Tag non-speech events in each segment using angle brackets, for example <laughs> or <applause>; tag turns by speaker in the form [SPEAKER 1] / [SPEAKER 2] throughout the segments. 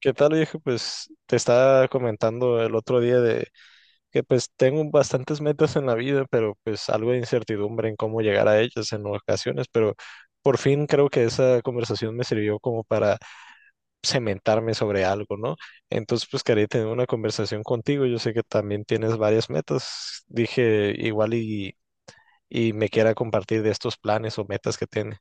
[SPEAKER 1] ¿Qué tal, viejo? Pues te estaba comentando el otro día de que pues tengo bastantes metas en la vida, pero pues algo de incertidumbre en cómo llegar a ellas en ocasiones, pero por fin creo que esa conversación me sirvió como para cementarme sobre algo, ¿no? Entonces pues quería tener una conversación contigo, yo sé que también tienes varias metas, dije igual y me quiera compartir de estos planes o metas que tienes.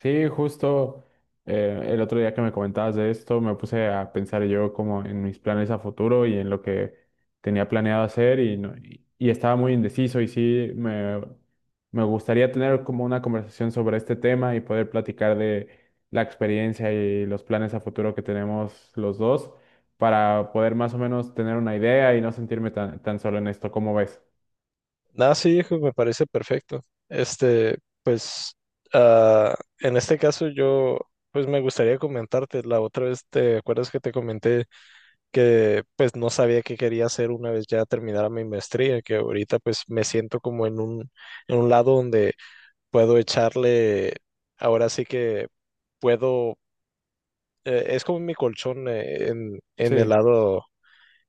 [SPEAKER 2] Sí, justo el otro día que me comentabas de esto, me puse a pensar yo como en mis planes a futuro y en lo que tenía planeado hacer y, no- y estaba muy indeciso y sí, me gustaría tener como una conversación sobre este tema y poder platicar de la experiencia y los planes a futuro que tenemos los dos para poder más o menos tener una idea y no sentirme tan, tan solo en esto, ¿cómo ves?
[SPEAKER 1] Nada, sí, hijo, me parece perfecto. Este, pues, ah, en este caso yo, pues me gustaría comentarte, la otra vez, ¿te acuerdas que te comenté que pues no sabía qué quería hacer una vez ya terminara mi maestría, que ahorita pues me siento como en en un lado donde puedo echarle, ahora sí que puedo, es como mi colchón en el
[SPEAKER 2] Sí.
[SPEAKER 1] lado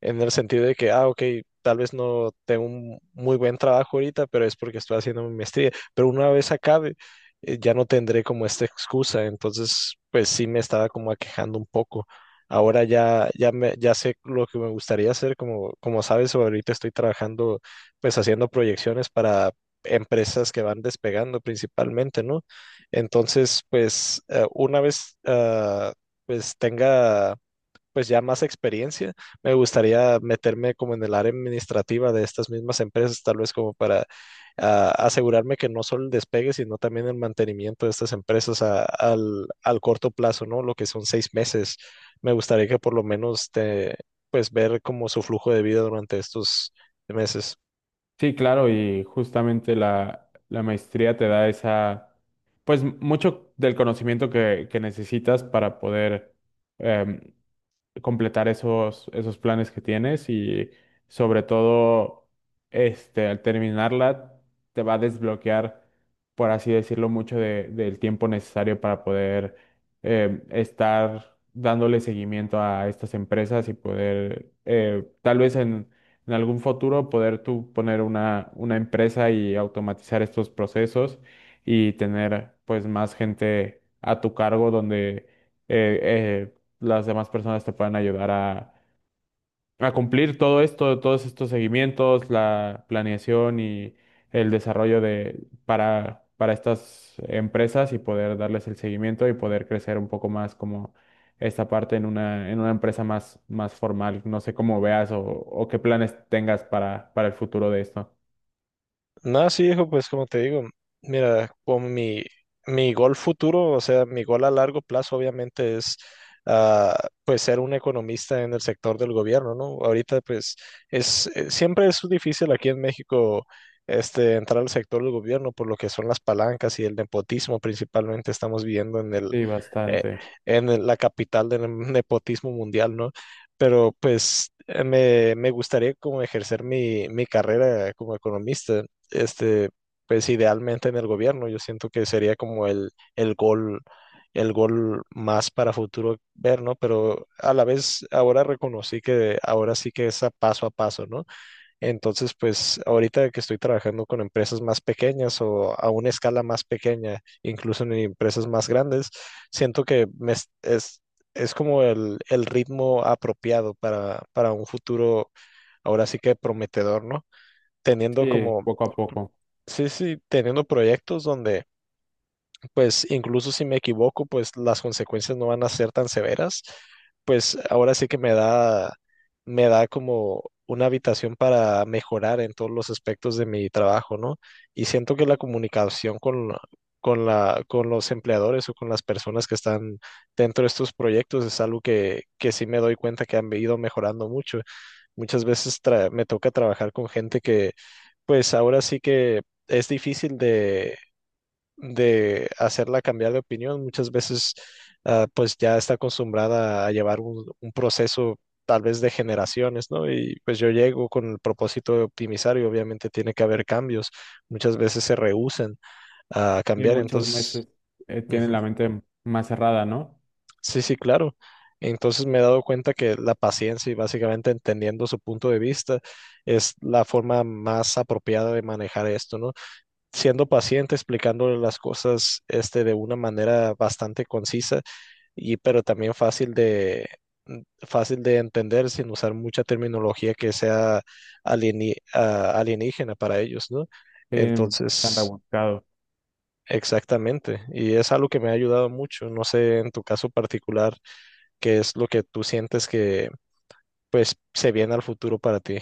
[SPEAKER 1] en el sentido de que, ah, ok, tal vez no tengo un muy buen trabajo ahorita, pero es porque estoy haciendo mi maestría, pero una vez acabe, ya no tendré como esta excusa, entonces, pues sí me estaba como aquejando un poco. Ahora ya sé lo que me gustaría hacer, como, como sabes, ahorita estoy trabajando, pues haciendo proyecciones para empresas que van despegando principalmente, ¿no? Entonces, pues una vez, pues tenga pues ya más experiencia, me gustaría meterme como en el área administrativa de estas mismas empresas, tal vez como para asegurarme que no solo el despegue, sino también el mantenimiento de estas empresas al corto plazo, ¿no? Lo que son 6 meses. Me gustaría que por lo menos te, pues ver como su flujo de vida durante estos meses.
[SPEAKER 2] Sí, claro, y justamente la maestría te da esa, pues mucho del conocimiento que necesitas para poder em, completar esos planes que tienes y sobre todo, este, al terminarla, te va a desbloquear, por así decirlo, del tiempo necesario para poder estar dándole seguimiento a estas empresas y poder, tal vez en algún futuro, poder tú poner una empresa y automatizar estos procesos y tener pues más gente a tu cargo donde... eh, eh, las demás personas te puedan ayudar a cumplir todo esto, todos estos seguimientos, la planeación y el desarrollo para estas empresas y poder darles el seguimiento y poder crecer un poco más como esta parte en una empresa más, más formal. No sé cómo veas o qué planes tengas para el futuro de esto.
[SPEAKER 1] Nada, sí, hijo, pues como te digo, mira, con mi gol futuro, o sea, mi gol a largo plazo obviamente es ah, pues ser un economista en el sector del gobierno, ¿no? Ahorita pues es, siempre es difícil aquí en México este, entrar al sector del gobierno por lo que son las palancas y el nepotismo principalmente estamos viviendo en el,
[SPEAKER 2] Sí,
[SPEAKER 1] eh,
[SPEAKER 2] bastante.
[SPEAKER 1] en la capital del <laughs> nepotismo mundial, ¿no? Pero pues me gustaría como ejercer mi carrera como economista, este, pues idealmente en el gobierno, yo siento que sería como el gol más para futuro ver, ¿no? Pero a la vez ahora reconocí que ahora sí que es a paso, ¿no? Entonces, pues ahorita que estoy trabajando con empresas más pequeñas o a una escala más pequeña, incluso en empresas más grandes, siento que me es como el ritmo apropiado para un futuro ahora sí que prometedor, ¿no? Teniendo
[SPEAKER 2] Sí,
[SPEAKER 1] como,
[SPEAKER 2] poco a poco.
[SPEAKER 1] sí, sí, teniendo proyectos donde pues incluso si me equivoco, pues las consecuencias no van a ser tan severas. Pues ahora sí que me da como una habitación para mejorar en todos los aspectos de mi trabajo, ¿no? Y siento que la comunicación con con los empleadores o con las personas que están dentro de estos proyectos es algo que sí me doy cuenta que han ido mejorando mucho. Muchas veces me toca trabajar con gente que, pues ahora sí que es difícil de hacerla cambiar de opinión. Muchas veces, pues ya está acostumbrada a llevar un proceso tal vez de generaciones, ¿no? Y pues yo llego con el propósito de optimizar y obviamente tiene que haber cambios. Muchas veces se rehúsan a
[SPEAKER 2] Sí,
[SPEAKER 1] cambiar,
[SPEAKER 2] muchas
[SPEAKER 1] entonces,
[SPEAKER 2] veces tienen
[SPEAKER 1] ujú.
[SPEAKER 2] la mente más cerrada, ¿no?
[SPEAKER 1] Sí, sí, claro. Entonces me he dado cuenta que la paciencia y básicamente entendiendo su punto de vista es la forma más apropiada de manejar esto, ¿no? Siendo paciente, explicándole las cosas este, de una manera bastante concisa y pero también fácil de mm, fácil de entender sin usar mucha terminología que sea alienígena para ellos, ¿no?
[SPEAKER 2] Sí, tan
[SPEAKER 1] Entonces,
[SPEAKER 2] rebuscado.
[SPEAKER 1] exactamente. Y es algo que me ha ayudado mucho. No sé en tu caso particular qué es lo que tú sientes que pues se viene al futuro para ti.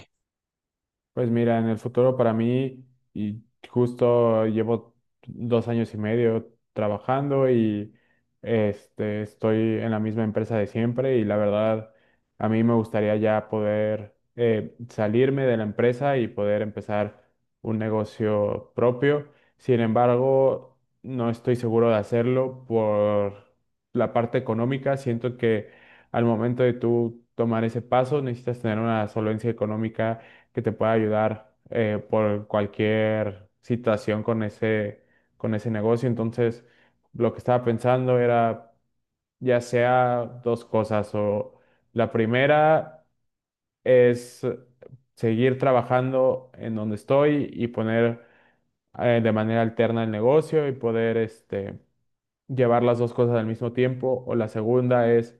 [SPEAKER 2] Pues mira, en el futuro para mí, y justo llevo dos años y medio trabajando y estoy en la misma empresa de siempre y la verdad, a mí me gustaría ya poder salirme de la empresa y poder empezar un negocio propio. Sin embargo, no estoy seguro de hacerlo por la parte económica. Siento que al momento de tú tomar ese paso, necesitas tener una solvencia económica que te pueda ayudar por cualquier situación con ese negocio. Entonces, lo que estaba pensando era ya sea dos cosas o la primera es seguir trabajando en donde estoy y poner de manera alterna el negocio y poder llevar las dos cosas al mismo tiempo, o la segunda es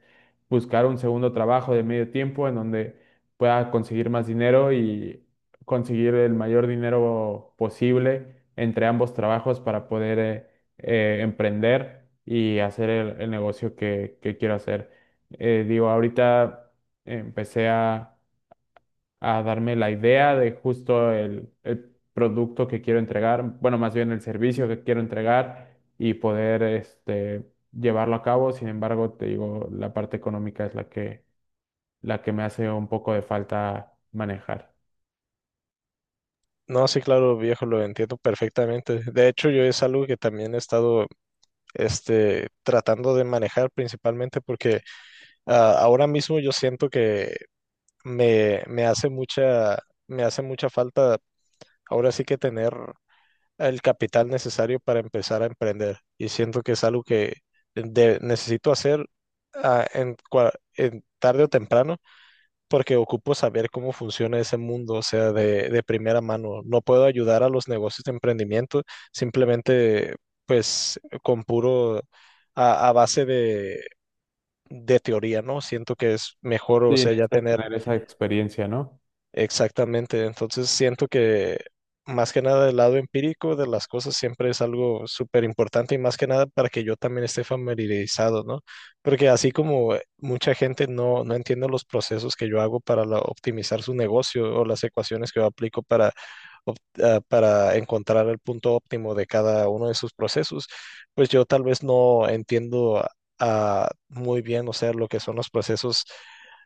[SPEAKER 2] buscar un segundo trabajo de medio tiempo en donde pueda conseguir más dinero y conseguir el mayor dinero posible entre ambos trabajos para poder emprender y hacer el negocio que quiero hacer. Digo, ahorita empecé a darme la idea de justo el producto que quiero entregar, bueno, más bien el servicio que quiero entregar y poder este, llevarlo a cabo. Sin embargo, te digo, la parte económica es la que me hace un poco de falta manejar.
[SPEAKER 1] No, sí, claro, viejo, lo entiendo perfectamente. De hecho, yo es algo que también he estado este, tratando de manejar principalmente porque ahora mismo yo siento que me, me hace mucha, me hace mucha falta ahora sí que tener el capital necesario para empezar a emprender y siento que es algo que necesito hacer ah, en, cua- en tarde o temprano porque ocupo saber cómo funciona ese mundo, o sea, de primera mano. No puedo ayudar a los negocios de emprendimiento simplemente, pues, con puro, a base de teoría, ¿no? Siento que es mejor, o
[SPEAKER 2] Sí,
[SPEAKER 1] sea, ya
[SPEAKER 2] necesitas
[SPEAKER 1] tener
[SPEAKER 2] tener esa experiencia, ¿no?
[SPEAKER 1] exactamente, entonces siento que más que nada el lado empírico de las cosas siempre es algo súper importante y más que nada para que yo también esté familiarizado, ¿no? Porque así como mucha gente no, no entiende los procesos que yo hago optimizar su negocio o las ecuaciones que yo aplico para para encontrar el punto óptimo de cada uno de sus procesos, pues yo tal vez no entiendo muy bien, o sea, lo que son los procesos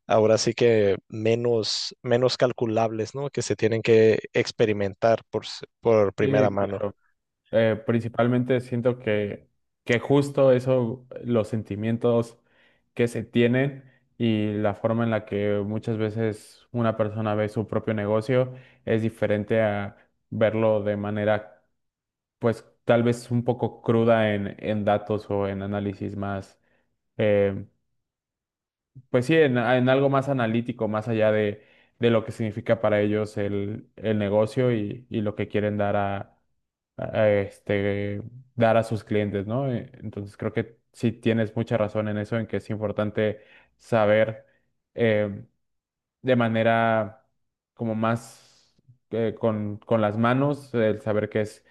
[SPEAKER 1] ahora sí que menos, menos calculables, ¿no? Que se tienen que experimentar por, por primera
[SPEAKER 2] Sí,
[SPEAKER 1] mano.
[SPEAKER 2] claro. Principalmente siento que justo eso, los sentimientos que se tienen y la forma en la que muchas veces una persona ve su propio negocio es diferente a verlo de manera, pues tal vez un poco cruda en datos o en análisis más eh, pues sí, en algo más analítico, más allá de lo que significa para ellos el negocio y lo que quieren dar a- este, dar a sus clientes, ¿no? Entonces creo que sí tienes mucha razón en eso, en que es importante saber eh, de manera como más con las manos, el saber qué es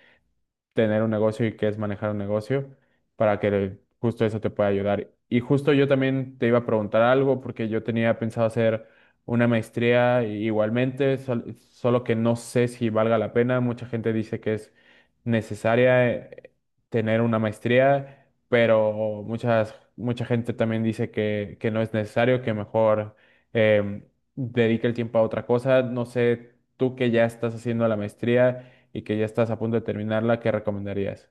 [SPEAKER 2] tener un negocio y qué es manejar un negocio para que justo eso te pueda ayudar. Y justo yo también te iba a preguntar algo porque yo tenía pensado hacer una maestría igualmente, solo que no sé si valga la pena. Mucha gente dice que es necesaria tener una maestría, pero mucha gente también dice que no es necesario, que mejor em, dedique el tiempo a otra cosa. No sé, tú que ya estás haciendo la maestría y que ya estás a punto de terminarla, ¿qué recomendarías?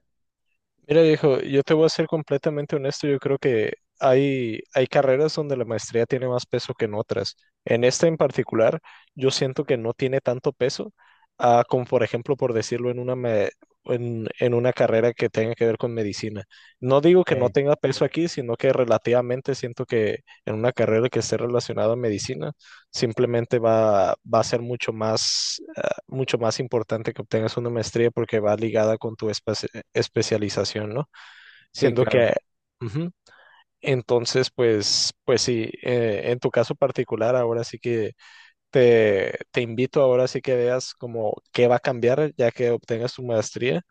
[SPEAKER 1] Mira, viejo, yo te voy a ser completamente honesto, yo creo que hay carreras donde la maestría tiene más peso que en otras. En esta en particular, yo siento que no tiene tanto peso, como por ejemplo, por decirlo, en en una carrera que tenga que ver con medicina. No digo que no
[SPEAKER 2] Okay.
[SPEAKER 1] tenga peso aquí, sino que relativamente siento que en una carrera que esté relacionada a medicina, simplemente va a ser mucho más, mucho más importante que obtengas una maestría porque va ligada con tu espacio especialización, ¿no?
[SPEAKER 2] Sí,
[SPEAKER 1] Siendo
[SPEAKER 2] claro.
[SPEAKER 1] que, ujú, entonces, pues, pues sí, en tu caso particular, ahora sí que te invito, ahora sí que veas como qué va a cambiar ya que obtengas tu maestría,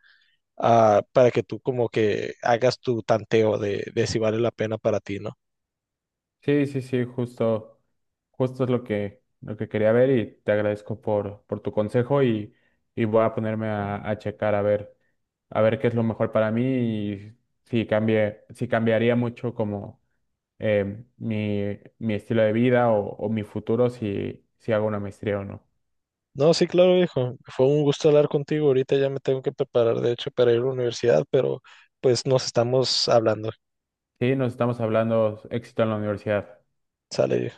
[SPEAKER 1] para que tú como que hagas tu tanteo de si vale la pena para ti, ¿no?
[SPEAKER 2] Sí, sí, sí, justo, justo es lo que quería ver y te agradezco por tu consejo y voy a ponerme a checar a ver qué es lo mejor para mí y si cambiaría mucho como mi estilo de vida o mi futuro si, si hago una maestría o no.
[SPEAKER 1] No, sí, claro, viejo. Fue un gusto hablar contigo. Ahorita ya me tengo que preparar, de hecho, para ir a la universidad, pero pues nos estamos hablando.
[SPEAKER 2] Sí, nos estamos hablando, éxito en la universidad.
[SPEAKER 1] Sale, viejo.